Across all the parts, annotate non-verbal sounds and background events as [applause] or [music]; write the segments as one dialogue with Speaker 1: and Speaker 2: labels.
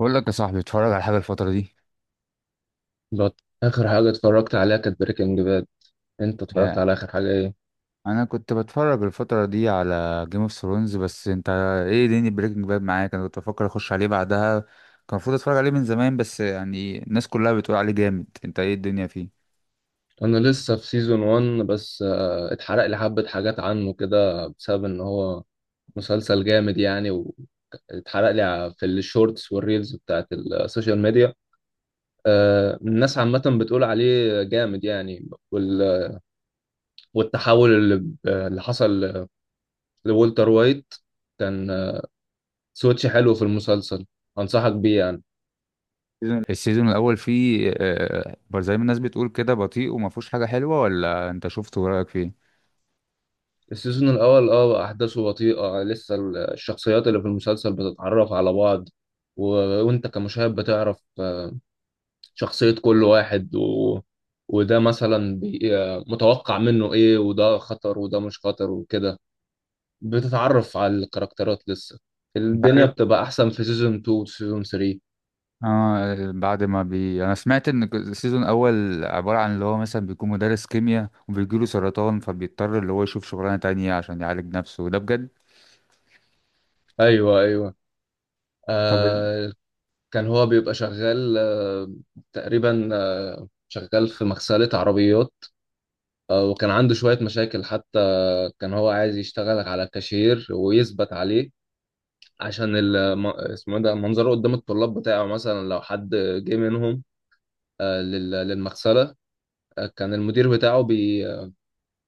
Speaker 1: بقول لك يا صاحبي اتفرج على حاجة الفترة دي.
Speaker 2: بط- آخر حاجة اتفرجت عليها كانت بريكنج باد. أنت اتفرجت
Speaker 1: آه،
Speaker 2: على آخر حاجة إيه؟
Speaker 1: انا كنت بتفرج الفترة دي على جيم اوف ثرونز. بس انت ايه دنيا بريكنج باد معاك؟ انا كنت بفكر اخش عليه بعدها، كان المفروض اتفرج عليه من زمان، بس يعني الناس كلها بتقول عليه جامد. انت ايه الدنيا فيه؟
Speaker 2: أنا لسه في سيزون 1 بس اتحرق لي حبة حاجات عنه كده بسبب إن هو مسلسل جامد يعني. واتحرق لي في الشورتس والريلز بتاعت السوشيال ميديا. الناس عامة بتقول عليه جامد يعني والتحول اللي حصل لولتر وايت كان سويتش حلو في المسلسل، أنصحك بيه يعني.
Speaker 1: السيزون الاول فيه زي ما الناس بتقول كده بطيء وما فيهوش حاجة حلوة، ولا انت شفته ورأيك فيه؟
Speaker 2: السيزون الأول اه أحداثه بطيئة لسه الشخصيات اللي في المسلسل بتتعرف على بعض و... وأنت كمشاهد بتعرف شخصية كل واحد وده مثلا متوقع منه إيه، وده خطر وده مش خطر وكده، بتتعرف على الكاركترات لسه.
Speaker 1: انت
Speaker 2: الدنيا
Speaker 1: عارف،
Speaker 2: بتبقى أحسن في سيزون 2 وسيزون 3.
Speaker 1: اه بعد ما انا سمعت ان السيزون الاول عبارة عن اللي هو مثلا بيكون مدرس كيمياء وبيجيله سرطان، فبيضطر اللي هو يشوف شغلانة تانية عشان يعالج نفسه، ده بجد؟
Speaker 2: أيوه أيوه
Speaker 1: طب ال...
Speaker 2: آه، كان هو بيبقى شغال آه، تقريبا آه شغال في مغسلة عربيات. آه، وكان عنده شوية مشاكل حتى. كان هو عايز يشتغل على كاشير ويثبت عليه عشان اسمه إيه ده منظره قدام الطلاب بتاعه، مثلا لو حد جه منهم آه، للمغسلة. آه، كان المدير بتاعه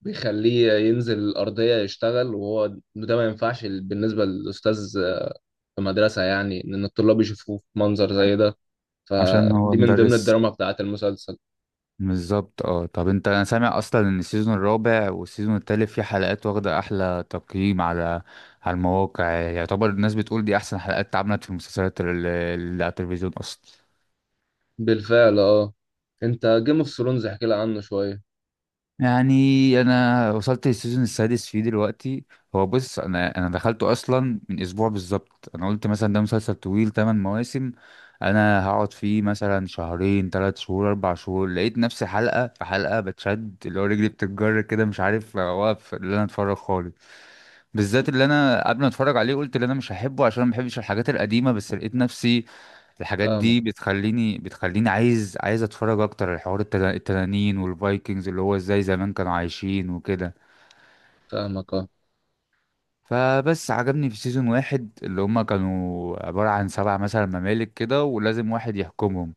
Speaker 2: بيخليه ينزل الأرضية يشتغل، وهو ده ما ينفعش بالنسبة للأستاذ في مدرسة يعني إن الطلاب يشوفوه في منظر زي
Speaker 1: أيوة.
Speaker 2: ده.
Speaker 1: عشان هو
Speaker 2: فدي من ضمن
Speaker 1: مدرس.
Speaker 2: الدراما بتاعت المسلسل.
Speaker 1: بالظبط اه. طب انت، انا سامع اصلا ان السيزون الرابع والسيزون التالت في حلقات واخدة احلى تقييم على على المواقع، يعني يعتبر الناس بتقول دي احسن حلقات اتعملت في المسلسلات اللي على التلفزيون اصلا.
Speaker 2: بالفعل اه. انت جيم اوف ثرونز احكي لي عنه شوية.
Speaker 1: يعني انا وصلت للسيزون السادس فيه دلوقتي. هو بص، انا دخلته اصلا من اسبوع بالظبط. انا قلت مثلا ده مسلسل طويل 8 مواسم، انا هقعد فيه مثلا شهرين، 3 شهور، 4 شهور، لقيت نفسي حلقة في حلقة بتشد اللي هو رجلي بتتجر كده، مش عارف اوقف اللي انا اتفرج خالص. بالذات اللي انا قبل ما اتفرج عليه قلت اللي انا مش هحبه عشان ما بحبش الحاجات القديمة، بس لقيت نفسي الحاجات
Speaker 2: فاهمك،
Speaker 1: دي بتخليني عايز اتفرج اكتر على حوار التنانين والفايكنجز، اللي هو ازاي زمان كانوا عايشين وكده.
Speaker 2: فاهمك اه.
Speaker 1: فبس عجبني في سيزون واحد اللي هما كانوا عبارة عن سبع مثلا ممالك كده ولازم واحد يحكمهم.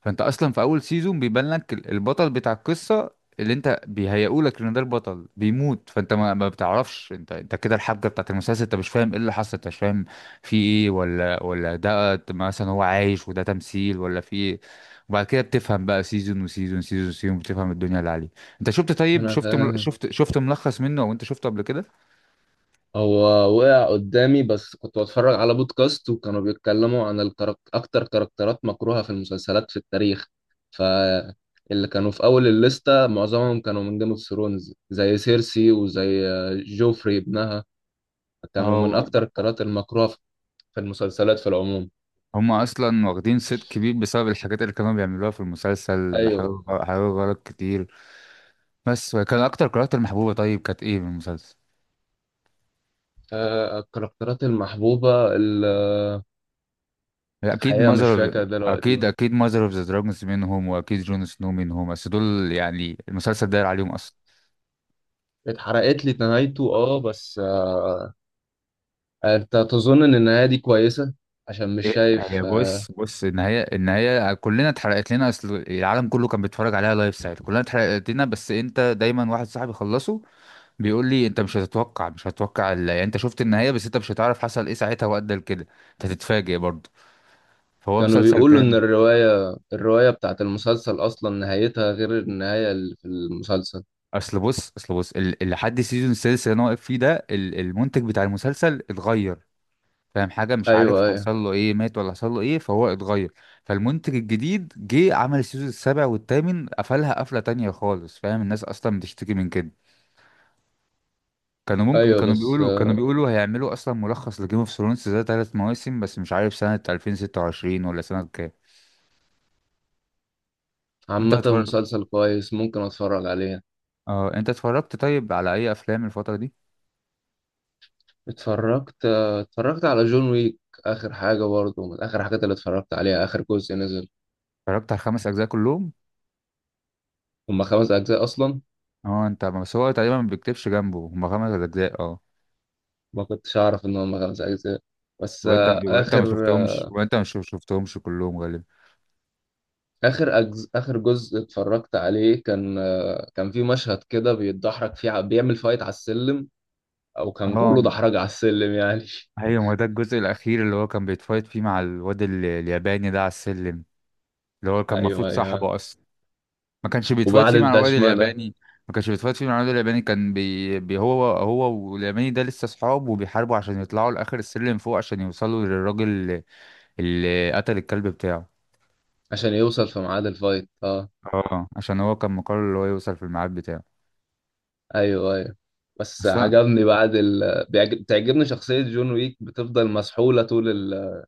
Speaker 1: فانت اصلا في اول سيزون بيبان لك البطل بتاع القصه، اللي انت بيهيئولك ان ده البطل بيموت، فانت ما بتعرفش انت، انت كده الحبكه بتاعت المسلسل انت مش فاهم ايه اللي حصل، انت مش فاهم في ايه، ولا ده مثلا هو عايش وده تمثيل ولا في ايه. وبعد كده بتفهم بقى سيزون وسيزون، سيزون وسيزون، بتفهم الدنيا اللي عليه. انت شفت؟ طيب
Speaker 2: انا
Speaker 1: شفت
Speaker 2: فاهم.
Speaker 1: شفت ملخص منه او انت شفته قبل كده؟
Speaker 2: هو وقع قدامي بس كنت بتفرج على بودكاست وكانوا بيتكلموا عن اكتر كاركترات مكروهة في المسلسلات في التاريخ. فاللي كانوا في اول الليستة معظمهم كانوا من جيم اوف ثرونز زي سيرسي وزي جوفري ابنها، كانوا من
Speaker 1: اه،
Speaker 2: اكتر الكاركترات المكروهة في في المسلسلات في العموم.
Speaker 1: هم اصلا واخدين صيت كبير بسبب الحاجات اللي كانوا بيعملوها في المسلسل، حاجات
Speaker 2: ايوه.
Speaker 1: حاجات غلط كتير. بس كان اكتر كاركتر محبوبه طيب كانت ايه من المسلسل؟
Speaker 2: آه، الكاركترات المحبوبة
Speaker 1: اكيد
Speaker 2: الحقيقة مش
Speaker 1: ماذر.
Speaker 2: فاكر
Speaker 1: اكيد،
Speaker 2: دلوقتي.
Speaker 1: اكيد ماذر اوف ذا دراجونز منهم، واكيد جون سنو منهم، بس دول يعني المسلسل داير عليهم اصلا.
Speaker 2: اتحرقت لي نهايته اه، بس آه، انت تظن ان النهايه دي كويسه؟ عشان مش
Speaker 1: إيه،
Speaker 2: شايف
Speaker 1: هي
Speaker 2: آه،
Speaker 1: بص النهايه، النهايه، كلنا اتحرقت لنا اصل العالم كله كان بيتفرج عليها لايف ساعتها، كلنا اتحرقت لنا. بس انت دايما واحد صاحبي خلصه بيقول لي انت مش هتتوقع، مش هتتوقع يعني انت شفت النهايه بس انت مش هتعرف حصل ايه ساعتها وادى لكده. انت هتتفاجئ برضه. فهو
Speaker 2: كانوا
Speaker 1: مسلسل
Speaker 2: بيقولوا ان
Speaker 1: جامد.
Speaker 2: الروايه بتاعت المسلسل اصلا نهايتها غير النهايه اللي في المسلسل.
Speaker 1: اصل بص، اصل بص اللي لحد السيزون السادس اللي انا واقف فيه ده المنتج بتاع المسلسل اتغير، فاهم حاجه؟ مش عارف
Speaker 2: ايوه ايوه.
Speaker 1: حصل له ايه، مات ولا حصل له ايه، فهو اتغير. فالمنتج الجديد جه عمل السيزون السابع والثامن، قفلها قفله تانية خالص، فاهم؟ الناس اصلا بتشتكي من كده. كانوا ممكن،
Speaker 2: ايوه
Speaker 1: كانوا
Speaker 2: بس
Speaker 1: بيقولوا، كانوا
Speaker 2: آه،
Speaker 1: بيقولوا هيعملوا اصلا ملخص لجيم اوف ثرونز ده ثلاث مواسم، بس مش عارف سنه 2026 ولا سنه كام. انت
Speaker 2: عامه
Speaker 1: اتفرج،
Speaker 2: مسلسل كويس ممكن اتفرج عليه.
Speaker 1: اه انت اتفرجت طيب على اي افلام الفتره دي؟
Speaker 2: اتفرجت آه، اتفرجت على جون ويك، اخر حاجه برضه من اخر حاجات اللي اتفرجت عليها، اخر جزء نزل.
Speaker 1: اتفرجت على الخمس اجزاء كلهم.
Speaker 2: هما خمس اجزاء اصلا؟
Speaker 1: اه انت، بس هو تقريبا ما بيكتبش جنبه هما خمس اجزاء، اه.
Speaker 2: ما كنتش اعرف ان هما خمس اجزاء. بس
Speaker 1: وانت
Speaker 2: آه،
Speaker 1: وانت ما
Speaker 2: اخر
Speaker 1: شفتهمش، وانت ما شفتهمش كلهم غالبا.
Speaker 2: اخر جزء اتفرجت عليه كان آه، كان في مشهد كده بيتدحرج فيه بيعمل فايت على السلم، او كان
Speaker 1: اه
Speaker 2: كله دحرج على السلم يعني [laughs]
Speaker 1: ايوه، ما ده الجزء الاخير اللي هو كان بيتفايت فيه مع الواد الياباني ده على السلم، اللي هو كان المفروض
Speaker 2: ايوه ايوه.
Speaker 1: صاحبه اصلا. ما كانش بيتفايت
Speaker 2: وبعد
Speaker 1: فيه مع الواد
Speaker 2: الدشمله
Speaker 1: الياباني، ما كانش بيتفايت فيه مع الواد الياباني، كان بي... بي هو والياباني ده لسه صحاب وبيحاربوا عشان يطلعوا لاخر السلم فوق عشان يوصلوا للراجل اللي قتل الكلب بتاعه.
Speaker 2: عشان يوصل في ميعاد الفايت اه.
Speaker 1: اه عشان هو كان مقرر اللي هو يوصل في الميعاد بتاعه.
Speaker 2: ايوه ايوه. بس
Speaker 1: بس
Speaker 2: عجبني بتعجبني شخصيه جون ويك، بتفضل مسحوله طول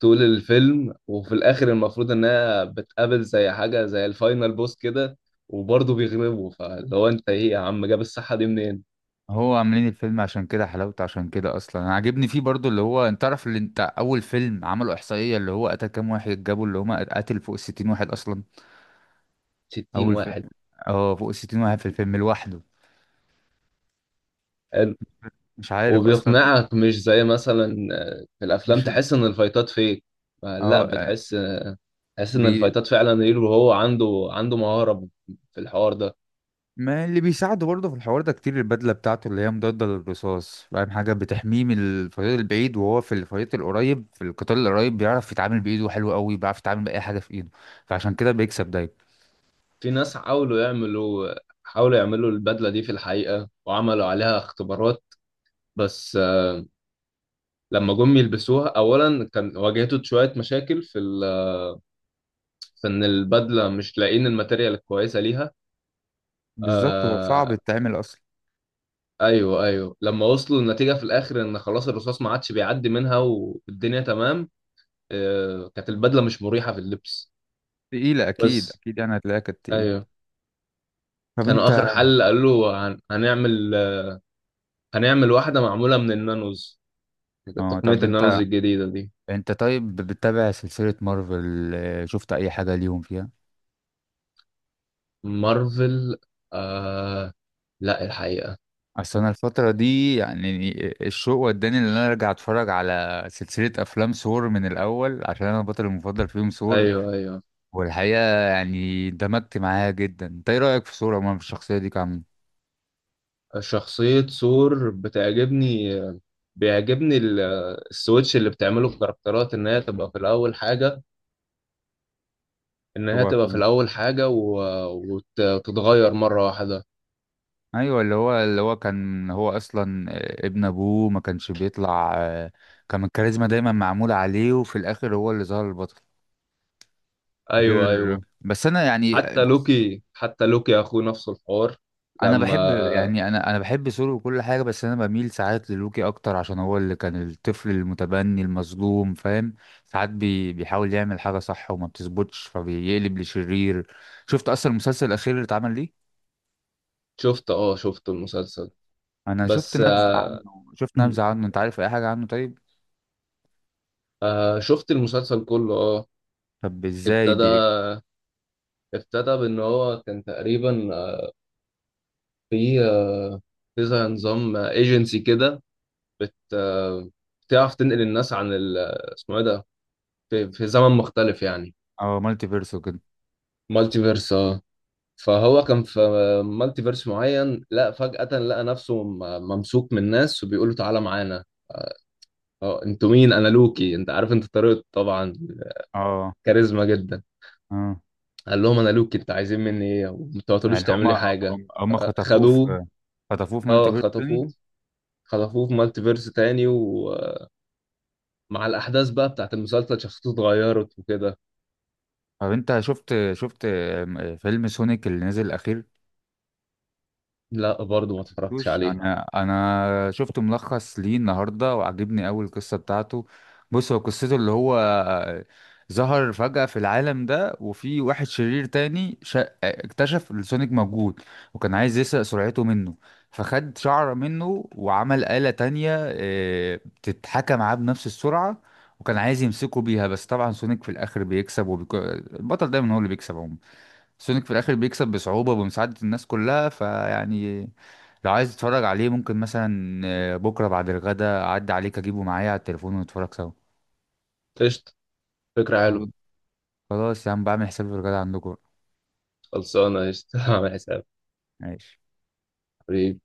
Speaker 2: طول الفيلم، وفي الاخر المفروض انها بتقابل زي حاجه زي الفاينل بوس كده، وبرضه بيغلبه، فاللي هو انت ايه يا عم جاب الصحه دي منين؟
Speaker 1: هو عاملين الفيلم عشان كده حلاوته، عشان كده اصلا انا عاجبني فيه برضو، اللي هو انت تعرف اللي انت اول فيلم عملوا احصائيه اللي هو قتل كام واحد، جابوا اللي هم قتل فوق الستين واحد اصلا.
Speaker 2: 60
Speaker 1: اول فيلم،
Speaker 2: واحد.
Speaker 1: اه فوق الستين واحد في الفيلم لوحده، مش عارف اصلا.
Speaker 2: وبيقنعك مش زي مثلا آه، في الافلام
Speaker 1: مش
Speaker 2: تحس ان الفايتات فيك آه، لا
Speaker 1: اه،
Speaker 2: بتحس آه، تحس ان
Speaker 1: بي
Speaker 2: الفايتات فعلا ريل، وهو عنده مهارة في الحوار ده.
Speaker 1: ما اللي بيساعده برضه في الحوار ده كتير البدله بتاعته اللي هي مضاده للرصاص، فاهم حاجه، بتحميه من الفريق البعيد، وهو في الفريق القريب في القتال القريب بيعرف يتعامل بايده حلو قوي، بيعرف يتعامل باي حاجه في ايده، فعشان كده بيكسب دايما.
Speaker 2: في ناس حاولوا يعملوا، حاولوا يعملوا البدلة دي في الحقيقة وعملوا عليها اختبارات، بس آه، لما جم يلبسوها اولا كان واجهته شوية مشاكل في في ان البدلة مش لاقيين الماتيريال الكويسة ليها.
Speaker 1: بالظبط هو صعب
Speaker 2: آه...
Speaker 1: يتعمل.
Speaker 2: ايوه ايوه، لما وصلوا النتيجة في الاخر ان خلاص الرصاص ما عادش بيعدي منها والدنيا تمام. آه، كانت البدله مش مريحه في اللبس
Speaker 1: تقيلة أكيد،
Speaker 2: بس.
Speaker 1: أكيد يعني هتلاقيها كانت تقيلة.
Speaker 2: ايوه.
Speaker 1: طب
Speaker 2: كانوا
Speaker 1: أنت،
Speaker 2: اخر حل قالوا له هنعمل واحده معموله من النانوز،
Speaker 1: اه طب
Speaker 2: تقنيه النانوز
Speaker 1: أنت،
Speaker 2: الجديده دي.
Speaker 1: أنت طيب بتتابع سلسلة مارفل؟ شفت أي حاجة ليهم فيها؟
Speaker 2: مارفل آه، لا الحقيقه.
Speaker 1: أصل أنا الفترة دي، الشوق وداني إن أنا أرجع أتفرج على سلسلة أفلام ثور من الأول، عشان أنا البطل المفضل فيهم ثور.
Speaker 2: ايوه ايوه.
Speaker 1: والحقيقة يعني اندمجت معاها جدا، أنت إيه رأيك في ثور عموما، في الشخصية دي كعم؟
Speaker 2: شخصيه ثور بتعجبني، بيعجبني السويتش اللي بتعمله الكاركترات، ان هي تبقى في الاول حاجه، ان هي تبقى في الاول حاجه و- وت- وتتغير مره واحده.
Speaker 1: ايوه، اللي هو اللي هو كان هو اصلا ابن ابوه، ما كانش بيطلع، كان الكاريزما دايما معمولة عليه وفي الاخر هو اللي ظهر البطل غير.
Speaker 2: ايوه ايوه.
Speaker 1: بس انا يعني
Speaker 2: حتى
Speaker 1: بص،
Speaker 2: لوكي، حتى لوكي يا اخوه نفس الحوار
Speaker 1: انا بحب
Speaker 2: لما
Speaker 1: يعني، انا بحب سولو وكل حاجة، بس انا بميل ساعات للوكي اكتر عشان هو اللي كان الطفل المتبني المظلوم، فاهم. ساعات بيحاول يعمل حاجة صح وما بتظبطش فبيقلب لشرير. شفت اصلا المسلسل الاخير اللي اتعمل ليه؟
Speaker 2: شفت اه، شفت المسلسل.
Speaker 1: انا شفت
Speaker 2: بس
Speaker 1: نبذة
Speaker 2: آه،
Speaker 1: عنه، شفت
Speaker 2: مم.
Speaker 1: نبذة عنه. انت عارف اي حاجة عنه طيب؟
Speaker 2: آه، شفت المسلسل كله اه.
Speaker 1: طب ازاي
Speaker 2: ابتدى، ابتدى بان هو كان تقريبا آه، في آه، في زي نظام ايجنسي كده، بت آه، بتعرف تنقل الناس عن آه، اسمه ايه ده، في, في زمن مختلف يعني.
Speaker 1: اه؟ مالتي فيرس وكده؟
Speaker 2: مالتي فيرس اه. فهو كان في مالتي فيرس معين، لا فجأة لقى نفسه ممسوك من ناس وبيقولوا تعالى معانا. اه انتوا مين، انا لوكي. انت عارف انت طريقته طبعا،
Speaker 1: اه،
Speaker 2: كاريزما جدا.
Speaker 1: اه.
Speaker 2: قال لهم انا لوكي، انت عايزين مني ايه، وما تقعدولوش
Speaker 1: يعني
Speaker 2: تعمل لي
Speaker 1: هما
Speaker 2: حاجه.
Speaker 1: هم هم
Speaker 2: آه،
Speaker 1: خطفوه
Speaker 2: خدوه.
Speaker 1: في، خطفوه في
Speaker 2: اه
Speaker 1: مالتي فيرس تاني؟
Speaker 2: خطفوه، خطفوه في مالتي فيرس تاني، ومع الاحداث بقى بتاعت المسلسل شخصيته اتغيرت وكده.
Speaker 1: طب انت شفت فيلم سونيك اللي نزل الاخير،
Speaker 2: لا برضه ما اتفرجتش
Speaker 1: شفتوش؟
Speaker 2: عليه.
Speaker 1: انا شفت ملخص ليه النهارده وعجبني قوي القصه بتاعته. بص هو قصته اللي هو ظهر فجأة في العالم ده، وفي واحد شرير تاني اكتشف إن سونيك موجود وكان عايز يسرق سرعته منه، فخد شعره منه وعمل آلة تانية بتتحكى معاه بنفس السرعة، وكان عايز يمسكه بيها. بس طبعا سونيك في الآخر بيكسب البطل دايما هو اللي بيكسب عموما. سونيك في الاخر بيكسب بصعوبة وبمساعدة الناس كلها، فيعني لو عايز تتفرج عليه ممكن مثلا بكرة بعد الغدا اعدي عليك اجيبه معايا على التليفون ونتفرج سوا.
Speaker 2: قشطه، فكره حلوه.
Speaker 1: خلاص، خلاص يا عم، بعمل حسابي في الغدا عندكم.
Speaker 2: خلصانه قشطه [laughs] عامل حساب
Speaker 1: ماشي.
Speaker 2: حبيبي.